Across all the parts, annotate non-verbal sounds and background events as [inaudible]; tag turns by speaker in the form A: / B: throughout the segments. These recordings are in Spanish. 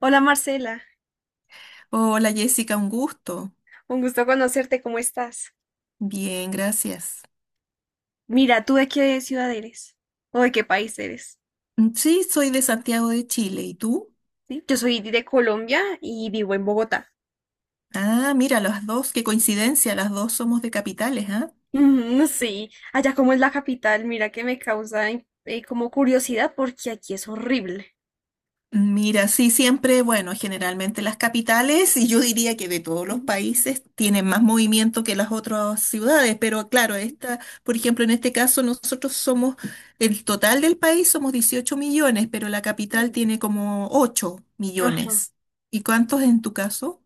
A: Hola Marcela,
B: Hola Jessica, un gusto.
A: un gusto conocerte, ¿cómo estás?
B: Bien, gracias.
A: Mira, ¿tú de qué ciudad eres? ¿O de qué país eres?
B: Sí, soy de Santiago de Chile. ¿Y tú?
A: ¿Sí? Yo soy de Colombia y vivo en Bogotá. [laughs]
B: Ah, mira, las dos, qué coincidencia, las dos somos de capitales, ¿ah?
A: Mm, sí, allá como es la capital, mira que me causa como curiosidad porque aquí es horrible.
B: Mira, sí, siempre, bueno, generalmente las capitales, y yo diría que de todos los países, tienen más movimiento que las otras ciudades, pero claro, esta, por ejemplo, en este caso nosotros somos, el total del país somos 18 millones, pero la capital tiene como 8
A: Ajá.
B: millones. ¿Y cuántos en tu caso?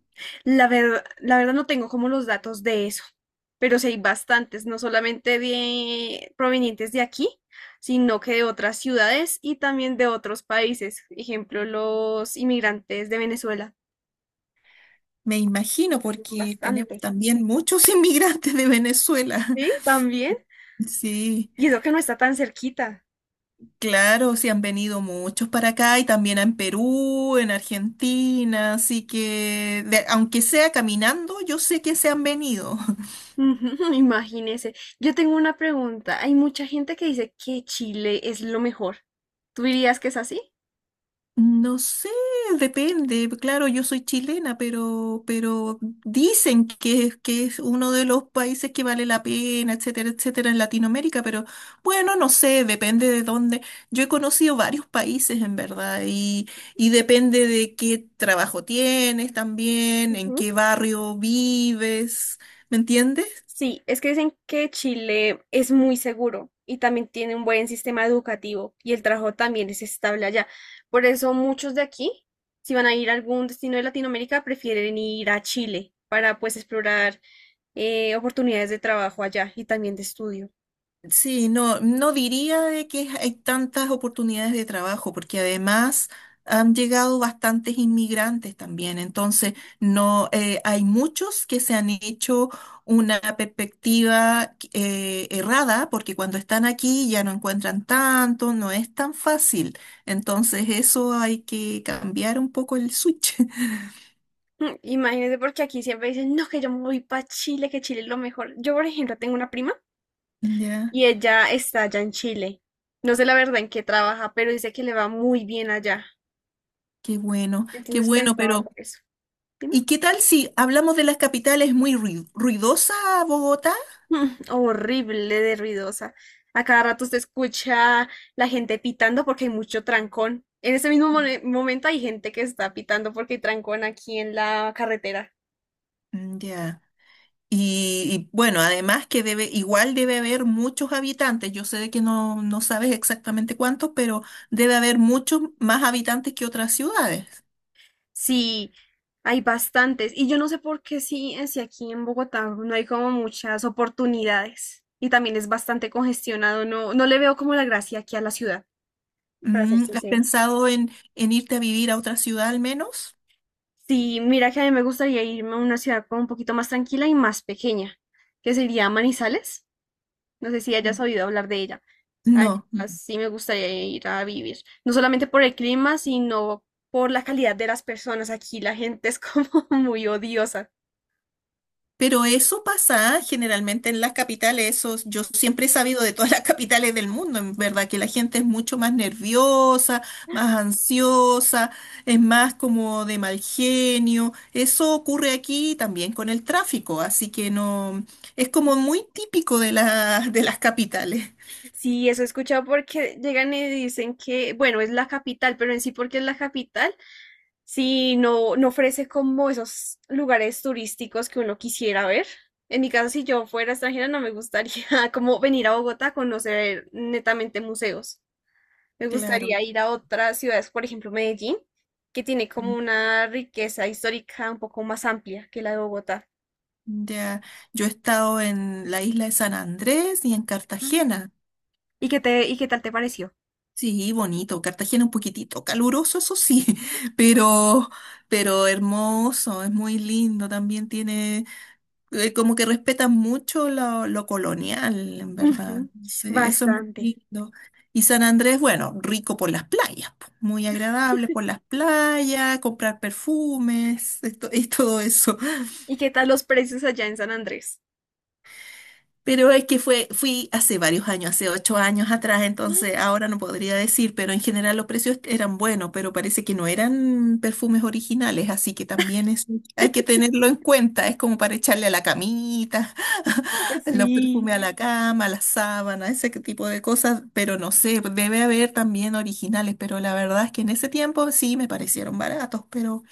A: La verdad no tengo como los datos de eso, pero sí hay bastantes, no solamente de provenientes de aquí, sino que de otras ciudades y también de otros países. Ejemplo, los inmigrantes de Venezuela.
B: Me imagino, porque
A: Bastante.
B: tenemos también muchos [laughs] inmigrantes de Venezuela.
A: Sí,
B: [laughs]
A: también.
B: Sí,
A: Y eso que no está tan cerquita.
B: claro, sí han venido muchos para acá y también en Perú, en Argentina, así que aunque sea caminando, yo sé que se han venido.
A: Ujú, [laughs] imagínese. Yo tengo una pregunta. Hay mucha gente que dice que Chile es lo mejor. ¿Tú dirías que es así?
B: No sé, depende. Claro, yo soy chilena, pero dicen que, que es uno de los países que vale la pena, etcétera, etcétera, en Latinoamérica, pero bueno, no sé, depende de dónde. Yo he conocido varios países en verdad y depende de qué trabajo tienes también, en qué barrio vives, ¿me entiendes?
A: Sí, es que dicen que Chile es muy seguro y también tiene un buen sistema educativo y el trabajo también es estable allá. Por eso muchos de aquí, si van a ir a algún destino de Latinoamérica, prefieren ir a Chile para pues explorar oportunidades de trabajo allá y también de estudio.
B: Sí, no, no diría de que hay tantas oportunidades de trabajo, porque además han llegado bastantes inmigrantes también. Entonces, no, hay muchos que se han hecho una perspectiva errada, porque cuando están aquí ya no encuentran tanto, no es tan fácil. Entonces, eso hay que cambiar un poco el switch. [laughs]
A: Mm, imagínense porque aquí siempre dicen, no, que yo me voy para Chile, que Chile es lo mejor. Yo, por ejemplo, tengo una prima
B: Ya,
A: y ella está allá en Chile. No sé la verdad en qué trabaja, pero dice que le va muy bien allá.
B: qué
A: Entonces
B: bueno,
A: pensaba
B: pero
A: por eso. Dime.
B: ¿y qué tal si hablamos de las capitales muy ruidosa Bogotá?
A: Mm, horrible de ruidosa. A cada rato se escucha la gente pitando porque hay mucho trancón. En ese mismo momento hay gente que está pitando porque hay trancón aquí en la carretera.
B: Ya. Bueno, además que debe, igual debe haber muchos habitantes. Yo sé de que no, no sabes exactamente cuántos, pero debe haber muchos más habitantes que otras ciudades.
A: Sí, hay bastantes. Y yo no sé por qué sí, si aquí en Bogotá no hay como muchas oportunidades. Y también es bastante congestionado. No, no le veo como la gracia aquí a la ciudad, para ser
B: Mm, ¿has
A: sincera.
B: pensado en irte a vivir a otra ciudad al menos?
A: Sí, mira que a mí me gustaría irme a una ciudad como un poquito más tranquila y más pequeña, que sería Manizales. No sé si hayas
B: Mm.
A: oído hablar de ella. Allá
B: No.
A: sí me gustaría ir a vivir. No solamente por el clima, sino por la calidad de las personas. Aquí la gente es como [laughs] muy odiosa.
B: Pero eso pasa generalmente en las capitales, eso yo siempre he sabido de todas las [laughs] capitales del mundo, en verdad, que la gente es mucho más nerviosa, más ansiosa, es más como de mal genio. Eso ocurre aquí también con el tráfico, así que no, es como muy típico de las capitales.
A: Sí, eso he escuchado porque llegan y dicen que, bueno, es la capital, pero en sí porque es la capital, sí no, no ofrece como esos lugares turísticos que uno quisiera ver. En mi caso, si yo fuera extranjera, no me gustaría [laughs] como venir a Bogotá a conocer netamente museos. Me
B: Claro.
A: gustaría ir a otras ciudades, por ejemplo, Medellín, que tiene como una riqueza histórica un poco más amplia que la de Bogotá.
B: Ya, yo he estado en la isla de San Andrés y en
A: Mm.
B: Cartagena.
A: ¿Y qué te, y qué tal te pareció?
B: Sí, bonito. Cartagena un poquitito caluroso, eso sí, [laughs] pero, pero hermoso, es muy lindo. También tiene, como que respetan mucho lo colonial, en verdad.
A: Ujú,
B: Sí, eso es muy
A: bastante.
B: lindo. Y San Andrés, bueno, rico por las playas, po, muy agradable por las playas, comprar perfumes, esto, [laughs] y todo eso.
A: ¿Y qué tal los precios allá en San Andrés?
B: Pero es que fui hace varios años, hace 8 años atrás, entonces
A: [laughs]
B: ahora no podría decir, pero en general los precios eran buenos, pero parece que no eran perfumes originales, así que también es hay que tenerlo en cuenta, es como para echarle a la camita, [laughs] los
A: Sí.
B: perfumes a la cama, a la sábana, ese que tipo de cosas, pero no sé, debe haber también originales, pero la verdad es que en ese tiempo sí me parecieron baratos,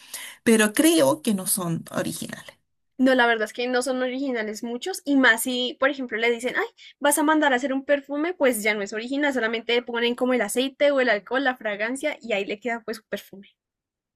B: pero creo que no son originales.
A: No, la verdad es que no son originales muchos, y más si, por ejemplo, le dicen, ay, vas a mandar a hacer un perfume, pues ya no es original, solamente le ponen como el aceite o el alcohol, la fragancia, y ahí le queda pues su perfume.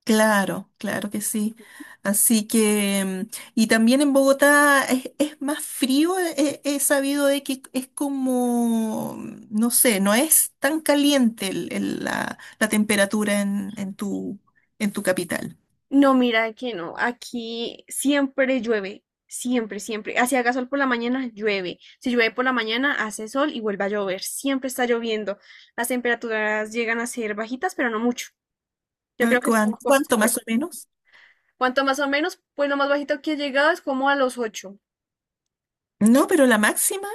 B: Claro, claro que sí. Así que, mm, y también en Bogotá es más frío, he, he sabido de que es como, mm, no sé, no es tan caliente la temperatura en tu capital.
A: No, mira que no. Aquí siempre llueve. Siempre, siempre. Así haga sol por la mañana, llueve. Si llueve por la mañana, hace sol y vuelve a llover. Siempre está lloviendo. Las temperaturas llegan a ser bajitas, pero no mucho. Yo creo que es por
B: ¿Cuánto más
A: costumbre.
B: o menos?
A: Cuanto más o menos, pues lo más bajito que he llegado es como a los 8.
B: No, pero la máxima,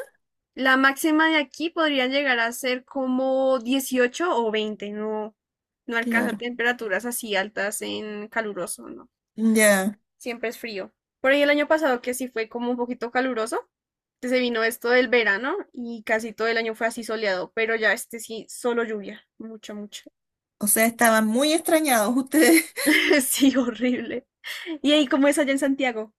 A: La máxima de aquí podría llegar a ser como 18 o 20. No, no alcanza
B: claro.
A: temperaturas así altas en caluroso, ¿no?
B: Ya,
A: Siempre es frío. Por ahí el año pasado que sí fue como un poquito caluroso, que se vino esto del verano y casi todo el año fue así soleado, pero ya este sí, solo lluvia, mucha, mucha.
B: o sea, estaban muy extrañados [laughs] ustedes.
A: [laughs] Sí, horrible. ¿Y ahí cómo es allá en Santiago?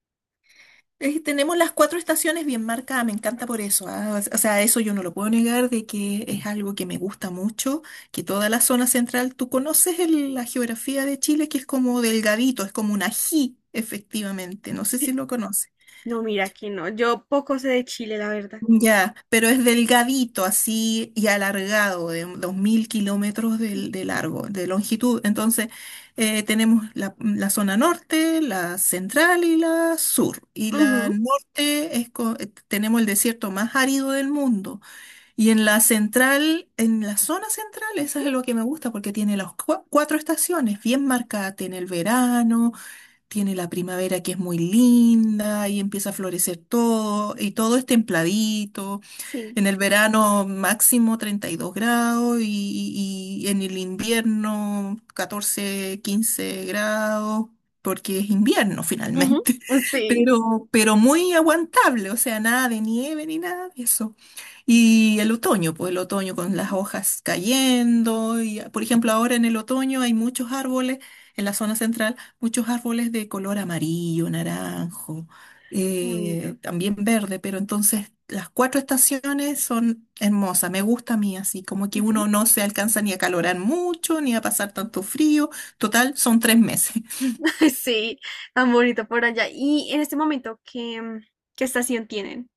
B: Tenemos las cuatro estaciones bien marcadas, me encanta por eso. O sea, eso yo no lo puedo negar de que es algo que me gusta mucho, que toda la zona central, tú conoces la geografía de Chile, que es como delgadito, es como un ají, efectivamente. No sé si
A: [laughs]
B: lo conoces.
A: No, mira, aquí no. Yo poco sé de Chile, la verdad.
B: Ya, pero es delgadito así y alargado, de 2000 kilómetros de largo, de longitud. Entonces, tenemos la zona norte, la central y la sur. Y la
A: Ujú,
B: norte es tenemos el desierto más árido del mundo. Y en la central, en la zona central, eso es
A: ujú,
B: lo que me gusta porque tiene las cuatro estaciones bien marcadas. Tiene el verano, tiene la primavera que es muy linda y empieza a florecer todo y todo es templadito.
A: sí,
B: En el verano máximo 32 grados y en el invierno 14 15 grados, porque es invierno
A: ujú.
B: finalmente, [laughs]
A: Sí,
B: pero muy aguantable, o sea, nada de nieve ni nada de eso. Y el otoño, pues el otoño con las
A: ujú,
B: hojas cayendo, y por ejemplo ahora en el otoño hay muchos árboles, en la zona central, muchos árboles de color amarillo, naranjo
A: bonito.
B: también verde, pero entonces las cuatro estaciones son hermosas, me gusta a mí así, como que
A: Ujú.
B: uno no se alcanza ni a calorar mucho, ni a pasar tanto frío, total, son tres meses. [laughs]
A: [laughs] Sí, tan bonito por allá. ¿Y en este momento qué, qué estación tienen?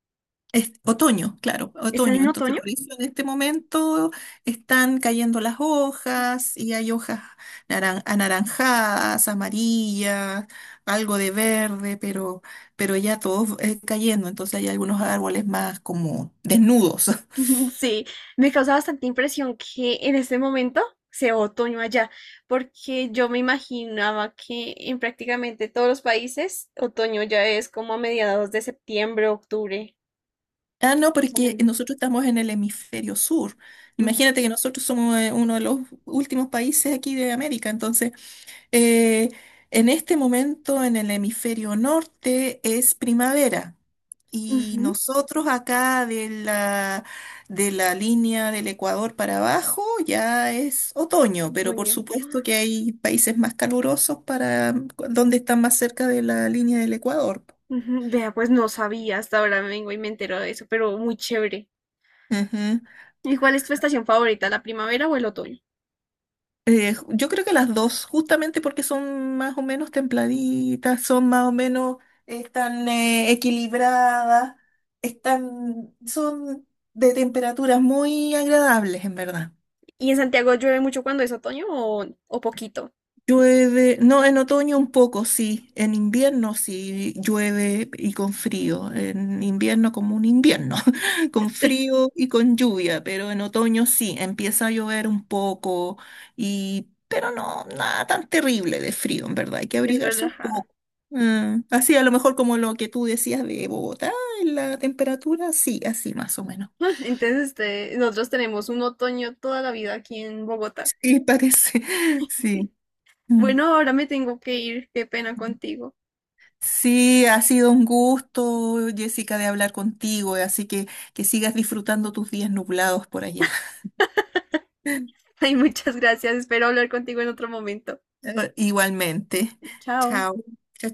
B: Es otoño, claro,
A: ¿Están
B: otoño,
A: en
B: entonces
A: otoño?
B: por eso en este momento están cayendo las hojas y hay hojas anaranjadas, amarillas, algo de verde, pero ya todos cayendo, entonces hay algunos árboles más como desnudos. [laughs]
A: [laughs] Sí, me causa bastante impresión que en este momento sea otoño allá, porque yo me imaginaba que en prácticamente todos los países otoño ya es como a mediados de septiembre, octubre,
B: Ah, no,
A: más o
B: porque
A: menos.
B: nosotros estamos en el hemisferio sur.
A: Ujú,
B: Imagínate que nosotros somos uno de los últimos países aquí de América. Entonces, eh, en este momento en el hemisferio norte es primavera. Y
A: ujú,
B: nosotros acá de de la línea del Ecuador para abajo ya es otoño, pero por
A: otoño.
B: supuesto que hay países más calurosos para donde están más cerca de la línea del Ecuador.
A: Ujú, vea, pues no sabía, hasta ahora vengo y me entero de eso, pero muy chévere. ¿Y cuál es tu estación favorita, la primavera o el otoño?
B: Yo creo que las dos, justamente porque son más o menos templaditas, son más o menos, están equilibradas, están, son de temperaturas muy agradables, en verdad.
A: ¿Y en Santiago llueve mucho cuando es otoño o poquito?
B: Llueve, no, en otoño un poco, sí, en invierno sí llueve y con frío, en invierno como un invierno, [laughs] con
A: [laughs]
B: frío y con lluvia, pero en otoño sí, empieza a llover un poco y, pero no, nada tan terrible de frío, en verdad, hay que
A: Es
B: abrigarse un
A: relajado.
B: poco. Mm, así a lo mejor como lo que tú decías de Bogotá, en la temperatura, sí, así más o menos.
A: [laughs] Entonces, este, nosotros tenemos un otoño toda la vida aquí en Bogotá.
B: Sí, parece, [laughs] sí.
A: Sí. Bueno, ahora me tengo que ir. Qué pena
B: Mm.
A: contigo.
B: Sí, ha sido un gusto, Jessica, de hablar contigo, así que sigas disfrutando tus días nublados por allá.
A: [laughs] Ay, muchas gracias. Espero hablar contigo en otro momento.
B: [laughs] Igualmente.
A: Chao.
B: Chao. Chao.